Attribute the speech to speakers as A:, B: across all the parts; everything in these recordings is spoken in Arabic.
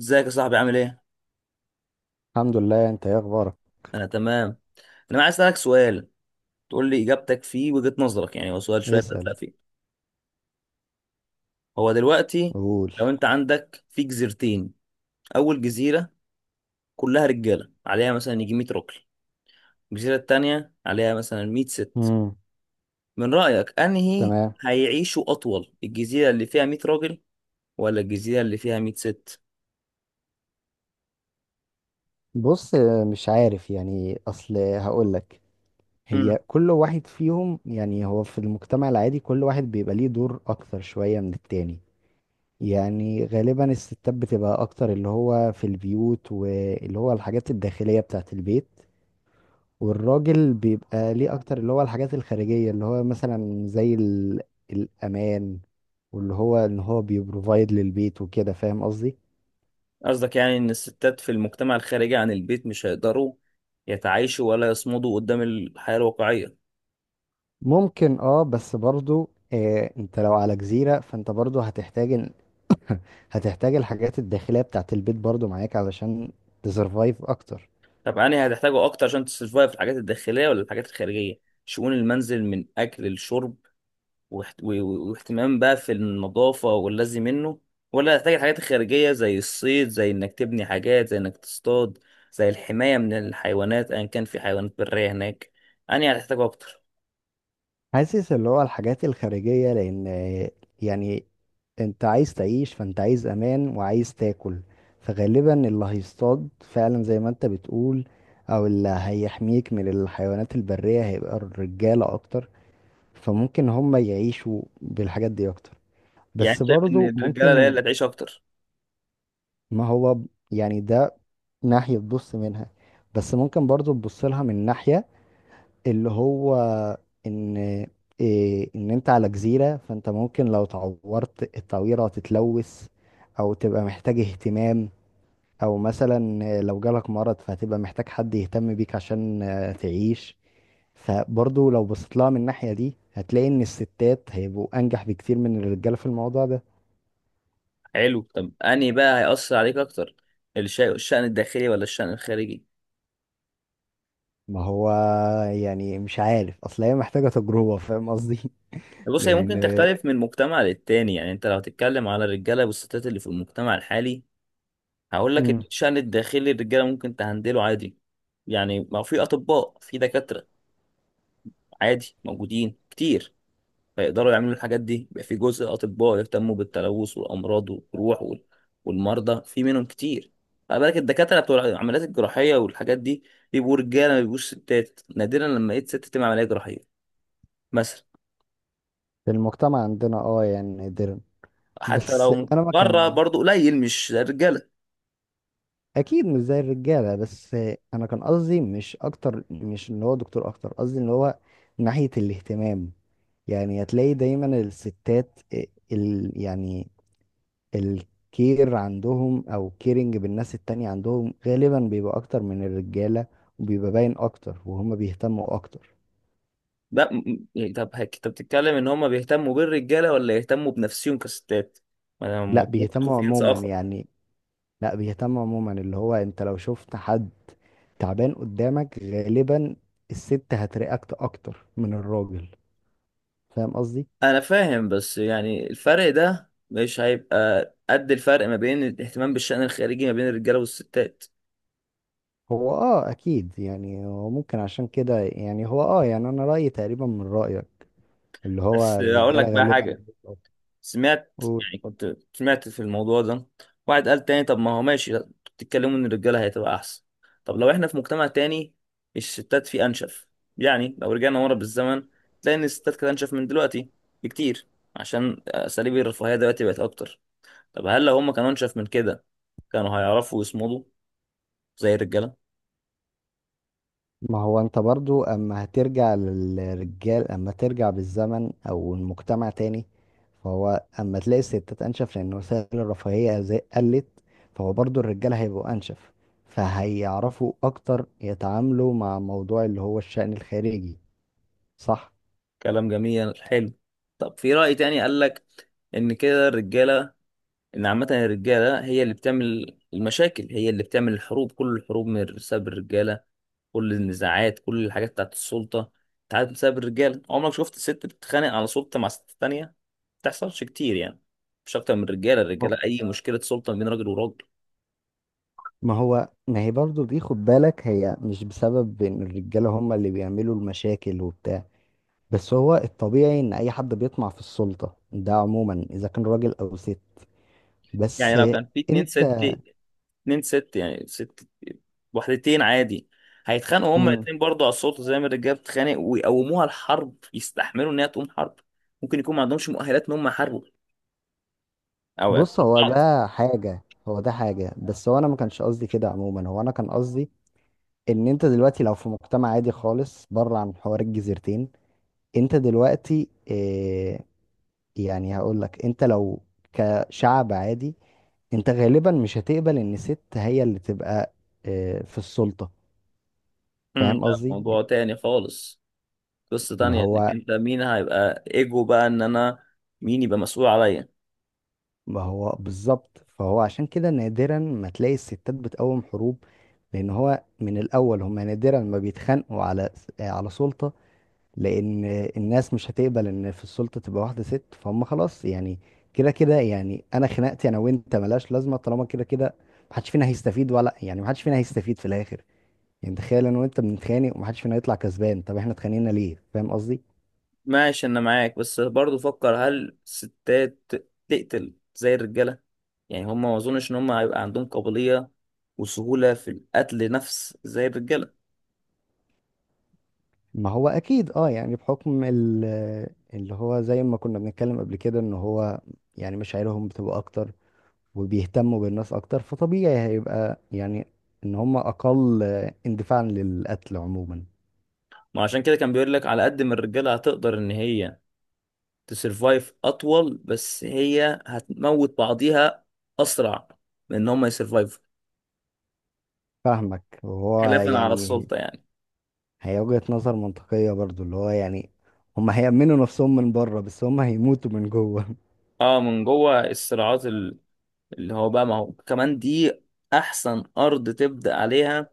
A: ازيك يا صاحبي؟ عامل ايه؟
B: الحمد لله. انت ايه اخبارك؟
A: انا تمام. انا عايز اسالك سؤال تقول لي اجابتك فيه وجهة نظرك، يعني هو سؤال شويه
B: اسأل.
A: فلسفي. هو دلوقتي
B: قول.
A: لو انت عندك في جزيرتين، اول جزيره كلها رجاله عليها مثلا يجي 100 راجل، الجزيره التانيه عليها مثلا 100 ست.
B: امم.
A: من رايك انهي
B: تمام.
A: هيعيشوا اطول، الجزيره اللي فيها 100 راجل ولا الجزيره اللي فيها 100 ست؟
B: بص، مش عارف، يعني اصل هقول لك. هي
A: امم
B: كل واحد فيهم، يعني هو في المجتمع العادي كل واحد بيبقى ليه دور اكتر شوية من التاني. يعني غالبا الستات بتبقى اكتر اللي هو في البيوت، واللي هو الحاجات الداخلية بتاعت البيت. والراجل بيبقى ليه اكتر اللي هو الحاجات الخارجية، اللي هو مثلا زي الامان. واللي هو ان هو بيبروفايد للبيت وكده، فاهم قصدي.
A: قصدك يعني ان الستات في المجتمع الخارجي عن البيت مش هيقدروا يتعايشوا ولا يصمدوا قدام الحياه الواقعيه؟
B: ممكن اه، بس برضو آه، انت لو على جزيرة فانت برضو هتحتاج الحاجات الداخلية بتاعت البيت برضو معاك علشان تسرفايف اكتر.
A: طب أنهي هتحتاجه أكتر عشان تسرفايف، الحاجات الداخلية ولا الحاجات الخارجية؟ شؤون المنزل من أكل لشرب واهتمام بقى في النظافة واللازم منه، ولا هتحتاج الحاجات الخارجية زي الصيد، زي إنك تبني حاجات، زي إنك تصطاد، زي الحماية من الحيوانات، أيا كان في حيوانات برية هناك. أنهي هتحتاجه أكتر؟
B: حاسس اللي هو الحاجات الخارجية، لان يعني انت عايز تعيش، فانت عايز امان وعايز تاكل. فغالبا اللي هيصطاد فعلا زي ما انت بتقول، او اللي هيحميك من الحيوانات البرية هيبقى الرجالة اكتر. فممكن هم يعيشوا بالحاجات دي اكتر.
A: يعني
B: بس
A: أنت شايف إن
B: برضو
A: الرجالة هي
B: ممكن.
A: اللي هتعيش أكتر.
B: ما هو ب- يعني ده ناحية تبص منها، بس ممكن برضو تبص لها من ناحية اللي هو ان إيه، ان انت على جزيرة فانت ممكن لو تعورت التعويرة هتتلوث او تبقى محتاج اهتمام. او مثلا لو جالك مرض فهتبقى محتاج حد يهتم بيك عشان تعيش. فبرضو لو بصيت لها من الناحية دي هتلاقي ان الستات هيبقوا انجح بكتير من الرجالة في الموضوع ده.
A: حلو، طب أنهي بقى هيأثر عليك أكتر، الشأن الداخلي ولا الشأن الخارجي؟
B: ما هو يعني مش عارف، اصل هي محتاجة تجربة، فاهم قصدي.
A: بص، هي ممكن
B: لان
A: تختلف من مجتمع للتاني، يعني انت لو هتتكلم على الرجاله والستات اللي في المجتمع الحالي هقول لك ان
B: امم،
A: الشأن الداخلي الرجاله ممكن تهندله عادي. يعني ما هو في اطباء، في دكاتره عادي موجودين كتير، فيقدروا يعملوا الحاجات دي، يبقى في جزء اطباء يهتموا بالتلوث والامراض والجروح والمرضى، في منهم كتير. خلي بالك الدكاتره بتوع العمليات الجراحيه والحاجات دي بيبقوا رجاله، ما بيبقوش ستات، نادرا لما لقيت ست تعمل عمليه جراحيه مثلا.
B: في المجتمع عندنا اه يعني نادرا.
A: حتى
B: بس
A: لو
B: انا ما
A: بره
B: كان.
A: برضه قليل، مش زي الرجاله.
B: اكيد مش زي الرجاله، بس انا كان قصدي مش اكتر، مش ان هو دكتور اكتر، قصدي ان هو من ناحيه الاهتمام. يعني هتلاقي دايما الستات ال يعني الكير عندهم او كيرنج بالناس التانية عندهم غالبا بيبقى اكتر من الرجاله، وبيبقى باين اكتر وهم بيهتموا اكتر.
A: بقى طب انت بتتكلم ان هم بيهتموا بالرجاله ولا يهتموا بنفسهم كستات؟ ما انا
B: لا،
A: الموضوع ممكن يكون
B: بيهتموا
A: في جنس
B: عموما
A: اخر.
B: يعني. لا، بيهتم عموما. اللي هو انت لو شفت حد تعبان قدامك غالبا الست هترياكت اكتر من الراجل، فاهم قصدي.
A: انا فاهم بس يعني الفرق ده مش هيبقى قد الفرق ما بين الاهتمام بالشأن الخارجي ما بين الرجاله والستات.
B: هو اه اكيد، يعني هو ممكن عشان كده يعني هو اه يعني انا رايي تقريبا من رايك، اللي هو
A: بس اقول
B: الرجاله
A: لك بقى
B: غالبا.
A: حاجه، سمعت،
B: قول.
A: يعني كنت سمعت في الموضوع ده، واحد قال تاني طب ما هو ماشي، بتتكلموا ان الرجاله هتبقى احسن، طب لو احنا في مجتمع تاني الستات فيه انشف، يعني لو رجعنا ورا بالزمن تلاقي ان الستات كانت انشف من دلوقتي بكتير، عشان اساليب الرفاهيه دلوقتي بقت اكتر. طب هل لو هم كانوا انشف من كده كانوا هيعرفوا يصمدوا زي الرجاله؟
B: ما هو انت برضو، اما هترجع للرجال اما ترجع بالزمن او المجتمع تاني، فهو اما تلاقي الستات انشف لان وسائل الرفاهية قلت، فهو برضو الرجال هيبقوا انشف، فهيعرفوا اكتر يتعاملوا مع موضوع اللي هو الشأن الخارجي. صح.
A: كلام جميل، حلو. طب في رأي تاني قال لك ان كده الرجاله، ان عامه الرجاله هي اللي بتعمل المشاكل، هي اللي بتعمل الحروب، كل الحروب من بسبب الرجاله، كل النزاعات، كل الحاجات بتاعت السلطه بتاعت بسبب الرجاله. عمرك شفت ست بتتخانق على سلطه مع ست تانية؟ ما بتحصلش كتير يعني، مش اكتر من الرجاله. الرجاله،
B: هو-
A: اي مشكله سلطه ما بين راجل وراجل.
B: ما هو ما هي برضو دي، خد بالك، هي مش بسبب ان الرجالة هم اللي بيعملوا المشاكل وبتاع. بس هو الطبيعي ان اي حد بيطمع في السلطة، ده عموما اذا كان راجل او ست.
A: يعني
B: بس
A: لو كان في اتنين
B: انت.
A: ست، اتنين ست يعني ست وحدتين عادي، هيتخانقوا هما
B: امم.
A: الاتنين برضه على السلطه زي ما الرجاله بتتخانق، ويقوموها الحرب، يستحملوا ان هي تقوم حرب. ممكن يكون ما عندهمش مؤهلات ان هم يحاربوا او
B: بص، هو
A: اتفقت.
B: ده حاجة، هو ده حاجة، بس هو انا ما كانش قصدي كده عموما، هو انا كان قصدي ان انت دلوقتي لو في مجتمع عادي خالص بره عن حوار الجزيرتين، انت دلوقتي اه يعني هقول لك انت لو كشعب عادي، انت غالبا مش هتقبل ان ست هي اللي تبقى اه في السلطة. فاهم
A: ده
B: قصدي يعني.
A: موضوع تاني خالص، قصة
B: ما
A: تانية، انك
B: هو
A: انت مين هيبقى ايجو بقى ان انا مين يبقى مسؤول عليا.
B: ما هو بالظبط، فهو عشان كده نادرا ما تلاقي الستات بتقوم حروب، لان هو من الاول هم نادرا ما بيتخانقوا على سلطة، لان الناس مش هتقبل ان في السلطة تبقى واحدة ست، فهم خلاص يعني كده كده. يعني انا خناقتي انا وانت ملهاش لازمة طالما كده كده محدش فينا هيستفيد، ولا يعني محدش فينا هيستفيد في الاخر. يعني تخيل انا وانت بنتخانق ومحدش فينا يطلع كسبان، طب احنا اتخانقنا ليه، فاهم قصدي.
A: ماشي، انا معاك، بس برضو فكر، هل الستات تقتل زي الرجالة؟ يعني هم ما اظنش ان هم هيبقى عندهم قابلية وسهولة في القتل نفس زي الرجالة.
B: ما هو اكيد اه، يعني بحكم اللي هو زي ما كنا بنتكلم قبل كده ان هو يعني مشاعرهم بتبقى اكتر وبيهتموا بالناس اكتر، فطبيعي هيبقى يعني ان هم اقل اندفاعا للقتل عموما.
A: ما عشان كده كان بيقول لك على قد ما الرجالة هتقدر ان هي تسرفايف اطول، بس هي هتموت بعضيها اسرع من ان هم يسرفايف،
B: فاهمك. وهو
A: خلافا على
B: يعني
A: السلطة يعني.
B: هي وجهة نظر منطقية برضو، اللي هو يعني هم هيأمنوا نفسهم من بره بس هم هيموتوا من جوه.
A: اه، من جوه الصراعات اللي هو بقى، ما هو كمان دي احسن ارض تبدا عليها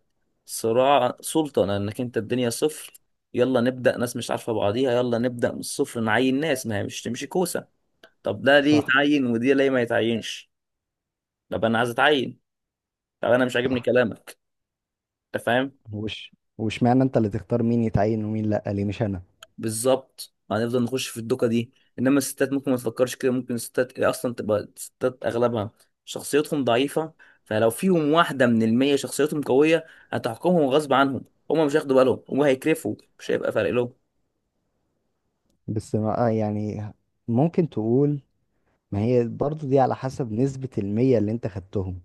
A: صراع سلطه، لانك انت الدنيا صفر، يلا نبدا، ناس مش عارفه بعضيها، يلا نبدا من الصفر نعين ناس، ما هي مش تمشي كوسه، طب ده ليه
B: صح.
A: يتعين ودي ليه ما يتعينش، طب انا عايز اتعين، طب انا مش عاجبني
B: صح.
A: كلامك، انت فاهم؟
B: وش معنى انت اللي تختار مين يتعين ومين لا، ليه مش انا.
A: بالظبط، هنفضل نخش في الدوكه دي. انما الستات ممكن ما تفكرش كده، ممكن الستات اصلا تبقى الستات اغلبها شخصيتهم ضعيفه، فلو فيهم واحده من المية شخصيتهم قويه هتحكمهم غصب عنهم، هما مش هياخدوا بالهم، هما هيكرفوا، مش هيبقى فارق لهم.
B: بس يعني ممكن تقول ما هي برضو دي على حسب نسبة المية اللي انت خدتهم.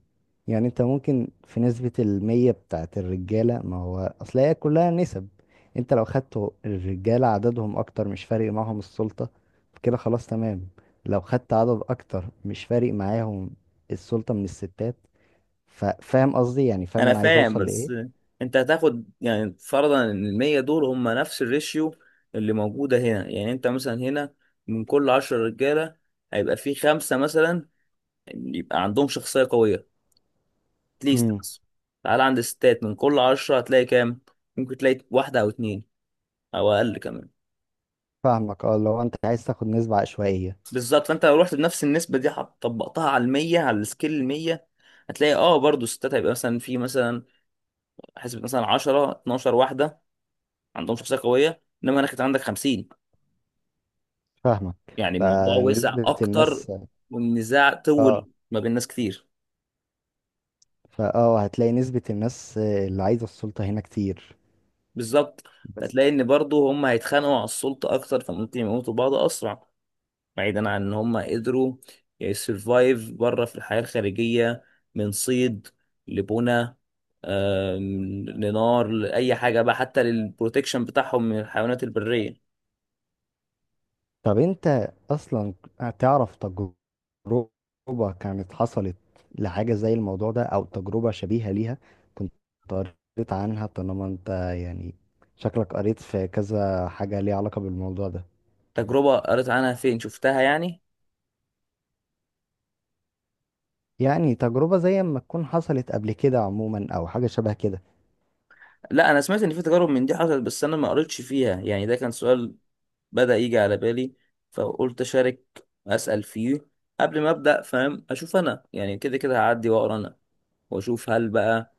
B: يعني انت ممكن في نسبة المية بتاعت الرجالة، ما هو اصل هي كلها نسب. انت لو خدت الرجالة عددهم اكتر مش فارق معاهم السلطة، فكده خلاص تمام. لو خدت عدد اكتر مش فارق معاهم السلطة من الستات، ففاهم قصدي يعني، فاهم
A: انا
B: انا عايز
A: فاهم،
B: اوصل لايه.
A: بس انت هتاخد يعني فرضا ان المية دول هما نفس الريشيو اللي موجوده هنا، يعني انت مثلا هنا من كل عشرة رجاله هيبقى في خمسه مثلا يبقى عندهم شخصيه قويه ليست،
B: امم.
A: بس تعال عند الستات من كل عشرة هتلاقي كام؟ ممكن تلاقي واحدة أو اتنين أو أقل كمان.
B: فاهمك، اه لو انت عايز تاخد نسبة عشوائية.
A: بالظبط، فأنت لو رحت بنفس النسبة دي طبقتها على المية، على السكيل المية، هتلاقي اه برضو الستات هيبقى مثلا في مثلا حسبة مثلا 10 12 واحدة عندهم شخصية قوية، إنما أنا كنت عندك 50.
B: فاهمك.
A: يعني الموضوع وسع
B: فنسبة
A: أكتر،
B: الناس.
A: والنزاع طول
B: اه.
A: ما بين ناس كتير.
B: فاه هتلاقي نسبة الناس اللي عايزة السلطة هنا كتير.
A: بالظبط،
B: بس.
A: فتلاقي إن برضو هم هيتخانقوا على السلطة أكتر، فممكن يموتوا بعض أسرع، بعيدا عن ان هم قدروا يسرفايف بره في الحياة الخارجية، من صيد، لبنى، لنار، لأي حاجة بقى، حتى للبروتكشن بتاعهم من الحيوانات البرية.
B: طب انت اصلا تعرف تجربة كانت حصلت لحاجة زي الموضوع ده، او تجربة شبيهة ليها، كنت قريت عنها؟ طالما انت يعني شكلك قريت في كذا حاجة ليها علاقة بالموضوع ده.
A: تجربة قريت عنها؟ فين شفتها يعني؟
B: يعني تجربة زي ما تكون حصلت قبل كده عموما، او حاجة شبه كده.
A: لا، أنا سمعت إن في تجارب من دي حصلت بس أنا ما قريتش فيها، يعني ده كان سؤال بدأ يجي على بالي فقلت أشارك، أسأل فيه قبل ما أبدأ، فاهم، أشوف أنا، يعني كده كده هعدي وأقرأ أنا وأشوف هل بقى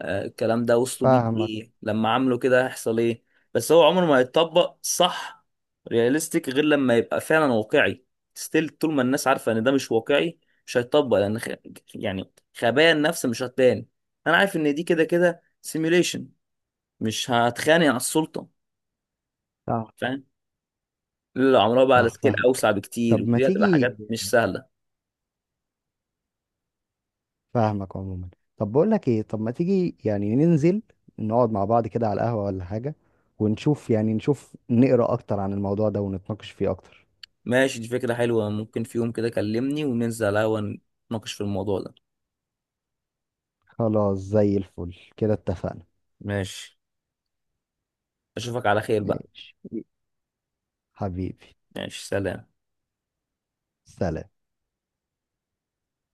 A: الكلام ده وصلوا بيه
B: فاهمك.
A: ايه، لما عملوا كده هيحصل ايه. بس هو عمره ما هيتطبق صح، رياليستيك، غير لما يبقى فعلا واقعي، ستيل طول ما الناس عارفه ان ده مش واقعي مش هيتطبق، لان يعني خبايا النفس مش هتبان، انا عارف ان دي كده كده سيميوليشن، مش هتخانق على السلطه،
B: صح.
A: فاهم؟ لا عمرها، بقى على
B: صح،
A: سكيل اوسع
B: فاهمك.
A: بكتير
B: طب ما
A: ودي هتبقى
B: تيجي،
A: حاجات مش سهله.
B: فاهمك عموما. طب بقول لك ايه، طب ما تيجي يعني ننزل نقعد مع بعض كده على القهوة ولا حاجة، ونشوف يعني نقرأ اكتر عن الموضوع ده ونتناقش فيه اكتر.
A: ماشي، دي فكره حلوه، ممكن في يوم كده كلمني وننزل على القهوه نتناقش في الموضوع ده.
B: خلاص زي الفل كده، اتفقنا.
A: ماشي، اشوفك على خير بقى.
B: ماشي حبيبي.
A: ماشي، سلام.
B: سلام.